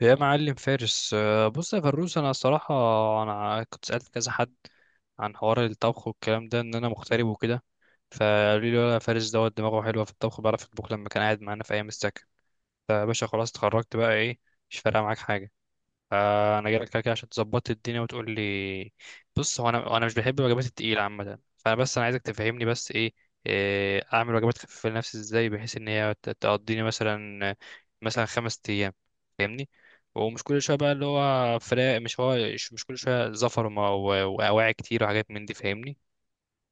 يا معلم فارس، بص يا فروس. انا الصراحه انا كنت سالت كذا حد عن حوار الطبخ والكلام ده ان انا مغترب وكده. فقالوا لي لا فارس دوت دماغه حلوه في الطبخ، بيعرف يطبخ لما كان قاعد معانا في ايام السكن. فيا باشا خلاص اتخرجت بقى، ايه مش فارقه معاك حاجه. فانا جايلك كده كده عشان تظبط الدنيا وتقول لي. بص، هو انا مش بحب الوجبات التقيله عامه. فانا بس انا عايزك تفهمني بس ايه, إيه اعمل وجبات خفيفه لنفسي ازاي بحيث ان هي تقضيني مثلا 5 ايام. فاهمني. ومش كل شويه بقى، اللي هو فراق، مش هو مش مش كل شويه زفر و واواعي كتير وحاجات من دي. فاهمني،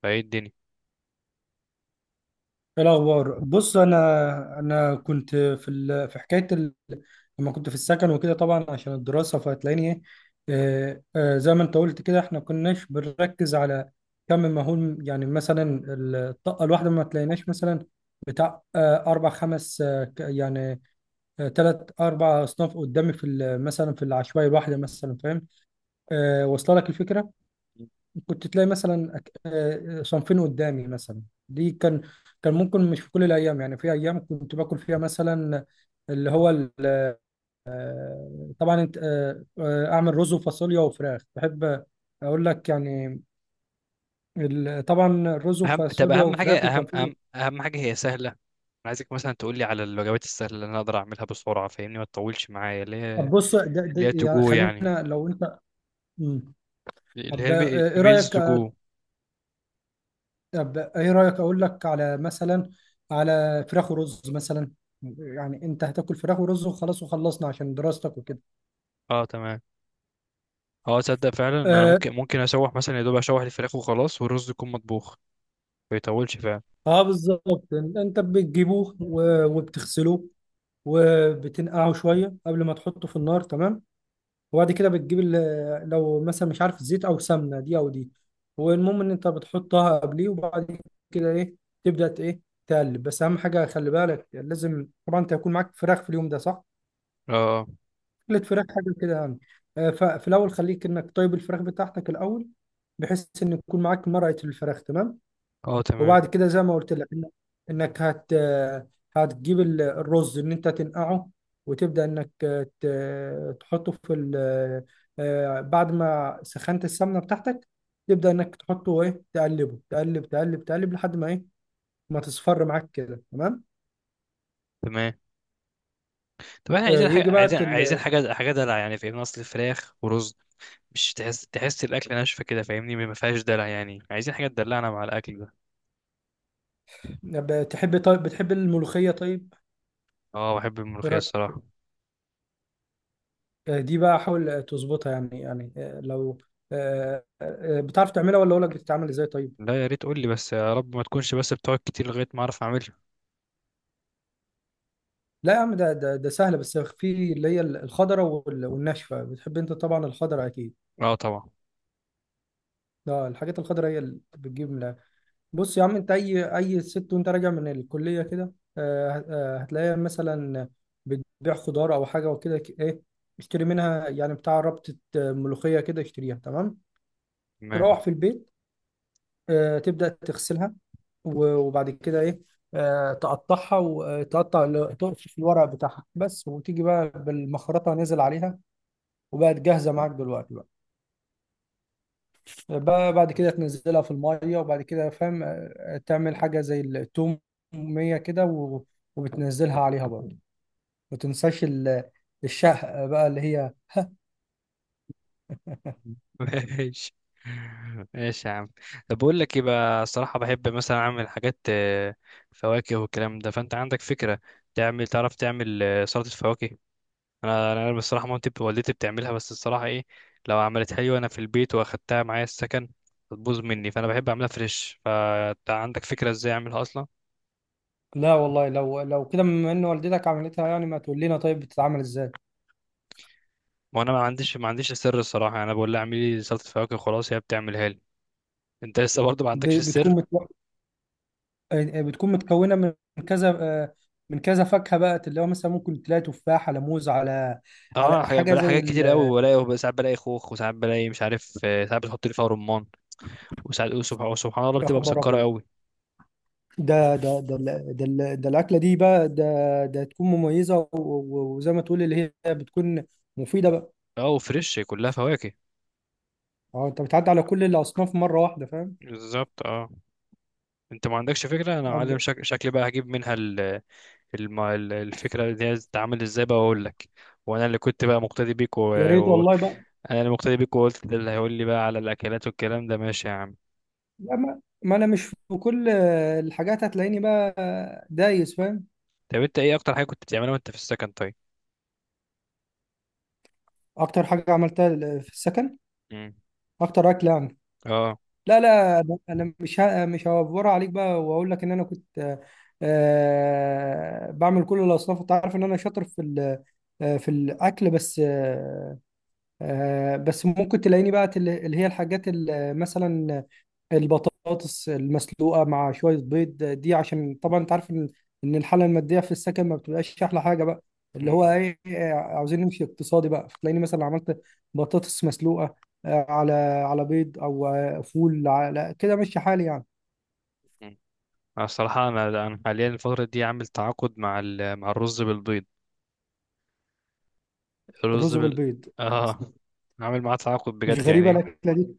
فايه الدنيا؟ إيه الأخبار؟ بص، أنا كنت في حكاية لما كنت في السكن وكده، طبعا عشان الدراسة، فهتلاقيني إيه. زي ما أنت قلت كده، إحنا كناش بنركز على كم مهول، يعني مثلا الطاقة الواحدة ما تلاقيناش مثلا بتاع أربع خمس، يعني ثلاث أربع أصناف قدامي مثلا، في العشوائي الواحدة مثلا، فاهم؟ واصلة لك الفكرة؟ كنت تلاقي مثلا صنفين قدامي مثلا. دي كان ممكن، مش في كل الايام، يعني في ايام كنت باكل فيها مثلا اللي هو ال- طبعا انت اعمل رز وفاصوليا وفراخ بحب اقول لك، يعني طبعا الرز اهم، طب وفاصوليا اهم حاجه، وفراخ، وكان اهم في. اهم اهم حاجه هي سهله. انا عايزك مثلا تقول لي على الوجبات السهله اللي انا اقدر اعملها بسرعه. فاهمني، ما تطولش معايا. اللي هي طب بص، ده ده تو يعني جو يعني، خلينا لو انت. مم. اللي هي طب، ايه الميلز رايك، تو جو. طب ايه رايك اقول لك على مثلا، على فراخ ورز مثلا. يعني انت هتاكل فراخ ورز، وخلاص وخلصنا عشان دراستك وكده. اه تمام. اه، تصدق فعلا ان انا آه. ممكن اشوح مثلا، يا دوب اشوح الفراخ وخلاص، والرز يكون مطبوخ. ما يطولش فعلا. اه بالظبط، انت بتجيبوه وبتغسلوه وبتنقعه شويه قبل ما تحطه في النار. تمام. وبعد كده بتجيب لو مثلا مش عارف زيت او سمنه، دي او دي. والمهم ان انت بتحطها قبليه. وبعد كده ايه؟ تبدا ايه؟ تقلب. بس اهم حاجه، خلي بالك لازم طبعا انت يكون معاك فراخ في اليوم ده، صح؟ اه اه، قلت فراخ حاجه كده يعني. ففي الاول خليك انك طيب الفراخ بتاعتك الاول، بحيث ان يكون معاك مرقه الفراخ. تمام. آه، تمام وبعد كده، زي ما قلت لك، انك هتجيب الرز، ان انت تنقعه، وتبدا انك تحطه في ال آه، بعد ما سخنت السمنه بتاعتك، تبدا انك تحطه، ايه، تقلبه، تقلب تقلب تقلب لحد ما ايه، ما تصفر معاك كده. تمام. تمام. طب احنا عايزين يجي حاجه، بقى. عايزين حاجه دلع يعني. فاهمني، اصل فراخ ورز مش تحس الاكل ناشفه كده. فاهمني، ما فيهاش دلع يعني. عايزين حاجه تدلعنا مع الاكل ده. تحب؟ طيب، بتحب الملوخيه؟ طيب. اه بحب ايه الملوخيه رايك؟ الصراحه. دي بقى حاول تظبطها يعني، يعني آه، لو آه، آه، آه، بتعرف تعملها، ولا اقول لك بتتعمل ازاي؟ طيب. لا، يا ريت قول لي، بس يا رب ما تكونش بس بتقعد كتير لغايه ما اعرف اعملها. لا يا عم، ده سهله، بس في اللي هي الخضره والناشفه، بتحب انت طبعا الخضره اكيد. اه طبعا. اه، الحاجات الخضره هي اللي بتجيب من الآخر. بص يا عم، انت اي ست وانت راجع من الكليه كده، هتلاقيها مثلا بتبيع خضار او حاجه وكده، ايه، اشتري منها، يعني بتاع ربطه ملوخيه كده، اشتريها. تمام. تمام. تروح في البيت، تبدا تغسلها، وبعد كده ايه، تقطعها، وتقطع الورق بتاعها بس، وتيجي بقى بالمخرطه نازل عليها، وبقت جاهزه معاك دلوقتي بقى. بقى بعد كده تنزلها في الميه، وبعد كده فاهم، تعمل حاجه زي التوميه كده، وبتنزلها عليها برضه. ما تنساش الشهق بقى، اللي هي. ماشي، ماشي يا عم. طب بقول لك ايه بقى، الصراحة بحب مثلا اعمل حاجات فواكه والكلام ده. فانت عندك فكرة تعمل، تعرف تعمل سلطة فواكه؟ انا بصراحة مامتي والدتي بتعملها، بس الصراحة ايه، لو عملت حلوة انا في البيت واخدتها معايا السكن هتبوظ مني. فانا بحب اعملها فريش. فانت عندك فكرة ازاي اعملها اصلا؟ لا والله، لو كده بما ان والدتك عملتها، يعني ما تقول لنا طيب بتتعمل ازاي؟ ما انا ما عنديش السر الصراحة. يعني انا بقول لها اعملي لي سلطة فواكه، خلاص هي بتعملها لي. انت لسه برضه ما عندكش بتكون السر؟ متو... آه، آه، بتكون متكونه من كذا، من كذا فاكهه بقى، اللي هو مثلا ممكن تلاقي تفاح على موز على اه، على حاجه بلاقي زي حاجات كتير قوي. وبلاقي ساعات بلاقي خوخ، وساعات بلاقي مش عارف، ساعات بتحط لي فيها رمان. وساعات، وسبحان سبحان الله، يا بتبقى خبر مسكرة ابيض! قوي. ده الأكلة دي بقى، ده ده تكون مميزة وزي ما تقول اللي هي بتكون مفيدة بقى. اه وفريش، كلها فواكه. اه، انت بتعدي على كل الأصناف مرة واحدة، فاهم؟ بالظبط اه. انت ما عندكش فكرة انا معلم. عبد- شكلي بقى هجيب منها ال... الفكرة دي هتتعامل ازاي بقى، واقول لك. وانا اللي كنت بقى مقتدي بيك و... يا ريت و... والله بقى. انا اللي مقتدي بيك، وقلت ده اللي هيقول لي بقى على الاكلات والكلام ده. ماشي يا عم. لا، ما انا مش في كل الحاجات هتلاقيني بقى دايس، فاهم؟ طب انت ايه اكتر حاجة كنت بتعملها وانت في السكن طيب؟ اكتر حاجة عملتها في السكن. مم. اكتر أكل يعني. اه. لا، لا، انا مش هوفرها عليك بقى، واقول لك ان انا كنت بعمل كل الأصناف، انت عارف ان انا شاطر في الاكل بس. بس ممكن تلاقيني بقى اللي هي الحاجات مثلا البطاطس المسلوقه مع شويه بيض، دي عشان طبعا انت عارف إن الحاله الماديه في السكن ما بتبقاش احلى حاجه بقى، اللي هو مم. ايه، عاوزين نمشي اقتصادي بقى، فتلاقيني مثلا عملت بطاطس مسلوقه آه، على على بيض، او فول، على كده ماشي حالي يعني. أنا الصراحة، أنا حاليا الفترة دي عامل تعاقد مع الرز بالبيض. الرز الرز بالبيض بس. آه. عامل معاه تعاقد مش بجد غريبه يعني. الاكله دي.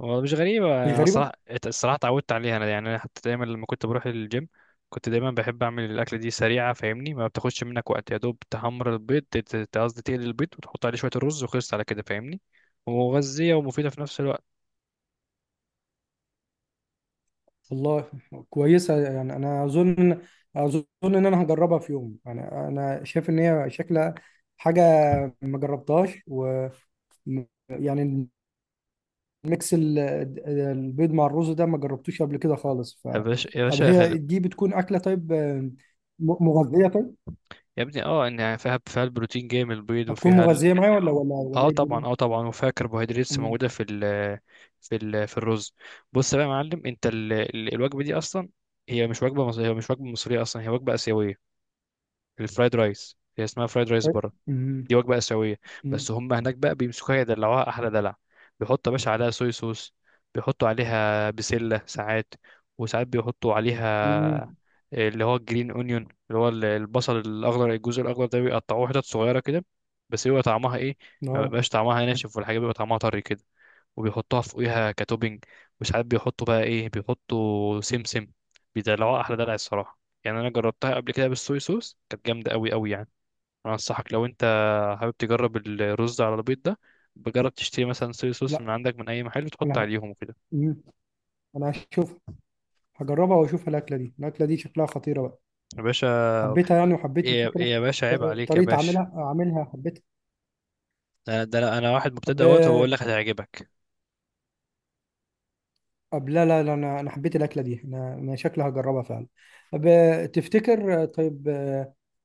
هو مش غريبة مش أنا الصراحة. غريبه. الصراحة اتعودت عليها أنا. يعني أنا حتى دايما لما كنت بروح الجيم كنت دايما بحب أعمل الأكلة دي سريعة. فاهمني، ما بتاخدش منك وقت، يا دوب تحمر البيض، قصدي تقلي البيض وتحط عليه شوية الرز وخلصت على كده. فاهمني، ومغذية ومفيدة في نفس الوقت. والله كويسة يعني، أنا أظن إن أنا هجربها في يوم، يعني أنا شايف إن هي شكلها حاجة ما جربتهاش، م- يعني الميكس البيض مع الرز ده، ما جربتوش قبل كده خالص، ف. يا باشا، يا طب باشا، هي دي بتكون أكلة طيب، مغذية طيب؟ يا ابني، اه ان فيها البروتين جاي من البيض هتكون وفيها. مغذية معايا، ولا اه إيه طبعا، الدنيا؟ اه طبعا، وفيها كربوهيدرات أمم. موجوده في الرز. بص بقى يا معلم، انت ال الوجبه دي اصلا هي مش وجبه مصريه، هي مش وجبه مصريه اصلا، هي وجبه اسيويه. الفرايد رايس، هي اسمها فرايد رايس طيب. بره. أمم. دي وجبه اسيويه. أمم. بس هم هناك بقى بيمسكوها يدلعوها احلى دلع. بيحطوا يا باشا عليها صويا صوص، بيحطوا عليها بسله ساعات، وساعات بيحطوا عليها أمم. اللي هو الجرين اونيون، اللي هو البصل الاخضر. الجزء الاخضر ده بيقطعوه حتت صغيره كده، بس بيبقى طعمها ايه، ما آه، بيبقاش طعمها ناشف، والحاجه بيبقى طعمها طري كده. وبيحطوها فوقيها كتوبينج. وساعات بيحطوا بقى ايه، بيحطوا سمسم. بيدلعوها احلى دلع الصراحه. يعني انا جربتها قبل كده بالصويا صوص، كانت جامده قوي قوي يعني. انا انصحك، لو انت حابب تجرب الرز على البيض ده، بجرب تشتري مثلا صويا صوص لا، من عندك من اي محل وتحط أنا عليهم وكده. أمم. أنا هشوف، هجربها وأشوف الأكلة دي، الأكلة دي شكلها خطيرة بقى. يا باشا، حبيتها يعني، وحبيت يا الفكرة. يا باشا عيب عليك يا طريقة باشا. عملها عاملها، حبيتها. ده انا، واحد أب... مبتدئ اهوت وبقول لك هتعجبك. أب لا، لا، لا، أنا حبيت الأكلة دي، أنا شكلها هجربها فعلا. أب... تفتكر طيب،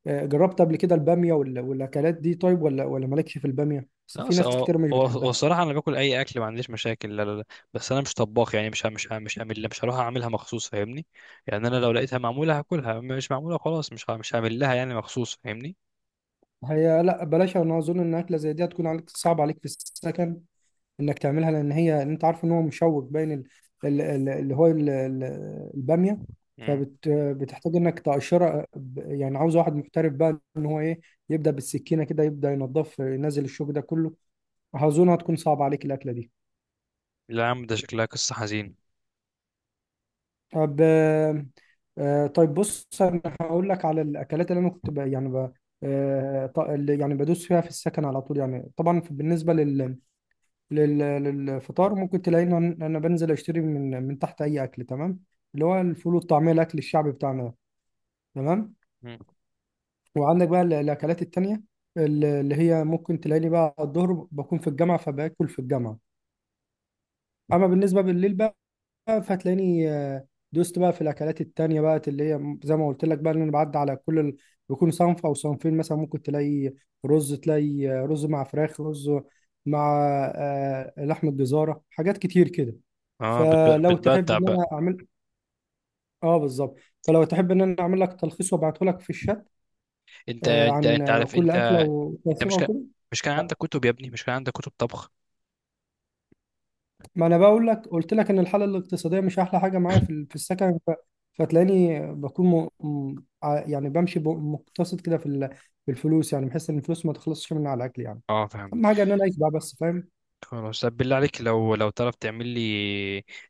جربت قبل كده البامية والأكلات دي طيب؟ ولا مالكش في البامية؟ بس لا، في ناس هو كتير مش هو هو بتحبها. الصراحه انا باكل اي اكل، ما عنديش مشاكل. لا، لا، لا. بس انا مش طباخ يعني، مش هعمل، مش هروح اعملها مخصوص. فاهمني، يعني انا لو لقيتها معموله هاكلها، مش معموله خلاص مش هعمل لها يعني مخصوص. فاهمني. هي لا، بلاش، أنا أظن إن أكلة زي دي هتكون عليك، صعب عليك في السكن، انك تعملها، لان هي انت عارف ان هو مشوك، باين ال- ال- ال- اللي هو ال- ال- الباميه، مم. فبتحتاج انك تقشرها، يعني عاوز واحد محترف بقى ان هو ايه، يبدا بالسكينه كده، يبدا ينظف ينزل الشوك ده كله. اظن هتكون صعب عليك الاكله دي. لا يا عم، ده شكلها قصه حزين. طب، طيب بص، انا هقول لك على الاكلات اللي انا كنت اللي يعني بدوس فيها في السكن على طول، يعني طبعا بالنسبه للفطار ممكن تلاقيني انا بنزل اشتري من تحت اي اكل. تمام. اللي هو الفول والطعميه، الاكل الشعبي بتاعنا ده. تمام. مم. وعندك بقى الاكلات التانيه، اللي هي ممكن تلاقيني بقى الظهر بكون في الجامعه، فباكل في الجامعه. اما بالنسبه بالليل بقى، فتلاقيني دوست بقى في الاكلات التانية بقى، اللي هي زي ما قلت لك بقى، ان انا بعدي على كل بيكون صنف او صنفين، مثلا ممكن تلاقي رز، تلاقي رز مع فراخ، رز مع لحمة جزارة، حاجات كتير كده. اه، فلو تحب بتبدع ان بقى. انا اعمل. اه بالظبط. فلو تحب ان انا اعمل لك تلخيص، وابعته لك في الشات، انت انت عن انت عارف. كل انت اكله انت مش وتوصيفها كان وكده. مش كان عندك كتب يا ابني، مش كان عندك كتب طبخ؟ ما انا بقول لك، قلت لك ان الحاله الاقتصاديه مش احلى حاجه معايا في السكن، فتلاقيني بكون يعني بمشي مقتصد كده في الفلوس، يعني بحس ان الفلوس ما تخلصش مني على الاكل، يعني اه فهمت. اهم حاجه ان انا اعيش بقى بس، فاهم؟ خلاص، طب بالله عليك، لو تعرف تعمل لي،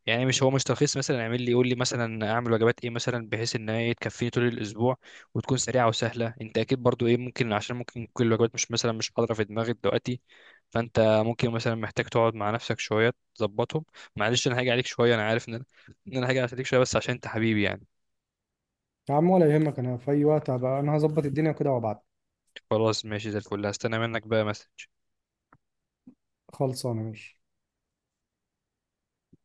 يعني مش هو، مش تلخيص مثلا، اعمل لي، قول لي مثلا اعمل وجبات ايه مثلا بحيث ان هي تكفيني طول الاسبوع، وتكون سريعه وسهله. انت اكيد برضو ايه ممكن، عشان ممكن كل الوجبات مش مثلا مش حاضره في دماغك دلوقتي. فانت ممكن مثلا محتاج تقعد مع نفسك شويه تظبطهم. معلش انا هاجي عليك شويه، انا عارف ان انا هاجي عليك شويه، بس عشان انت حبيبي يعني. يا عم ولا يهمك، انا في اي وقت هبقى انا هظبط الدنيا كده وابعت. خلاص ماشي زي الفل، هستنى منك بقى مسج. خلصانه. ماشي.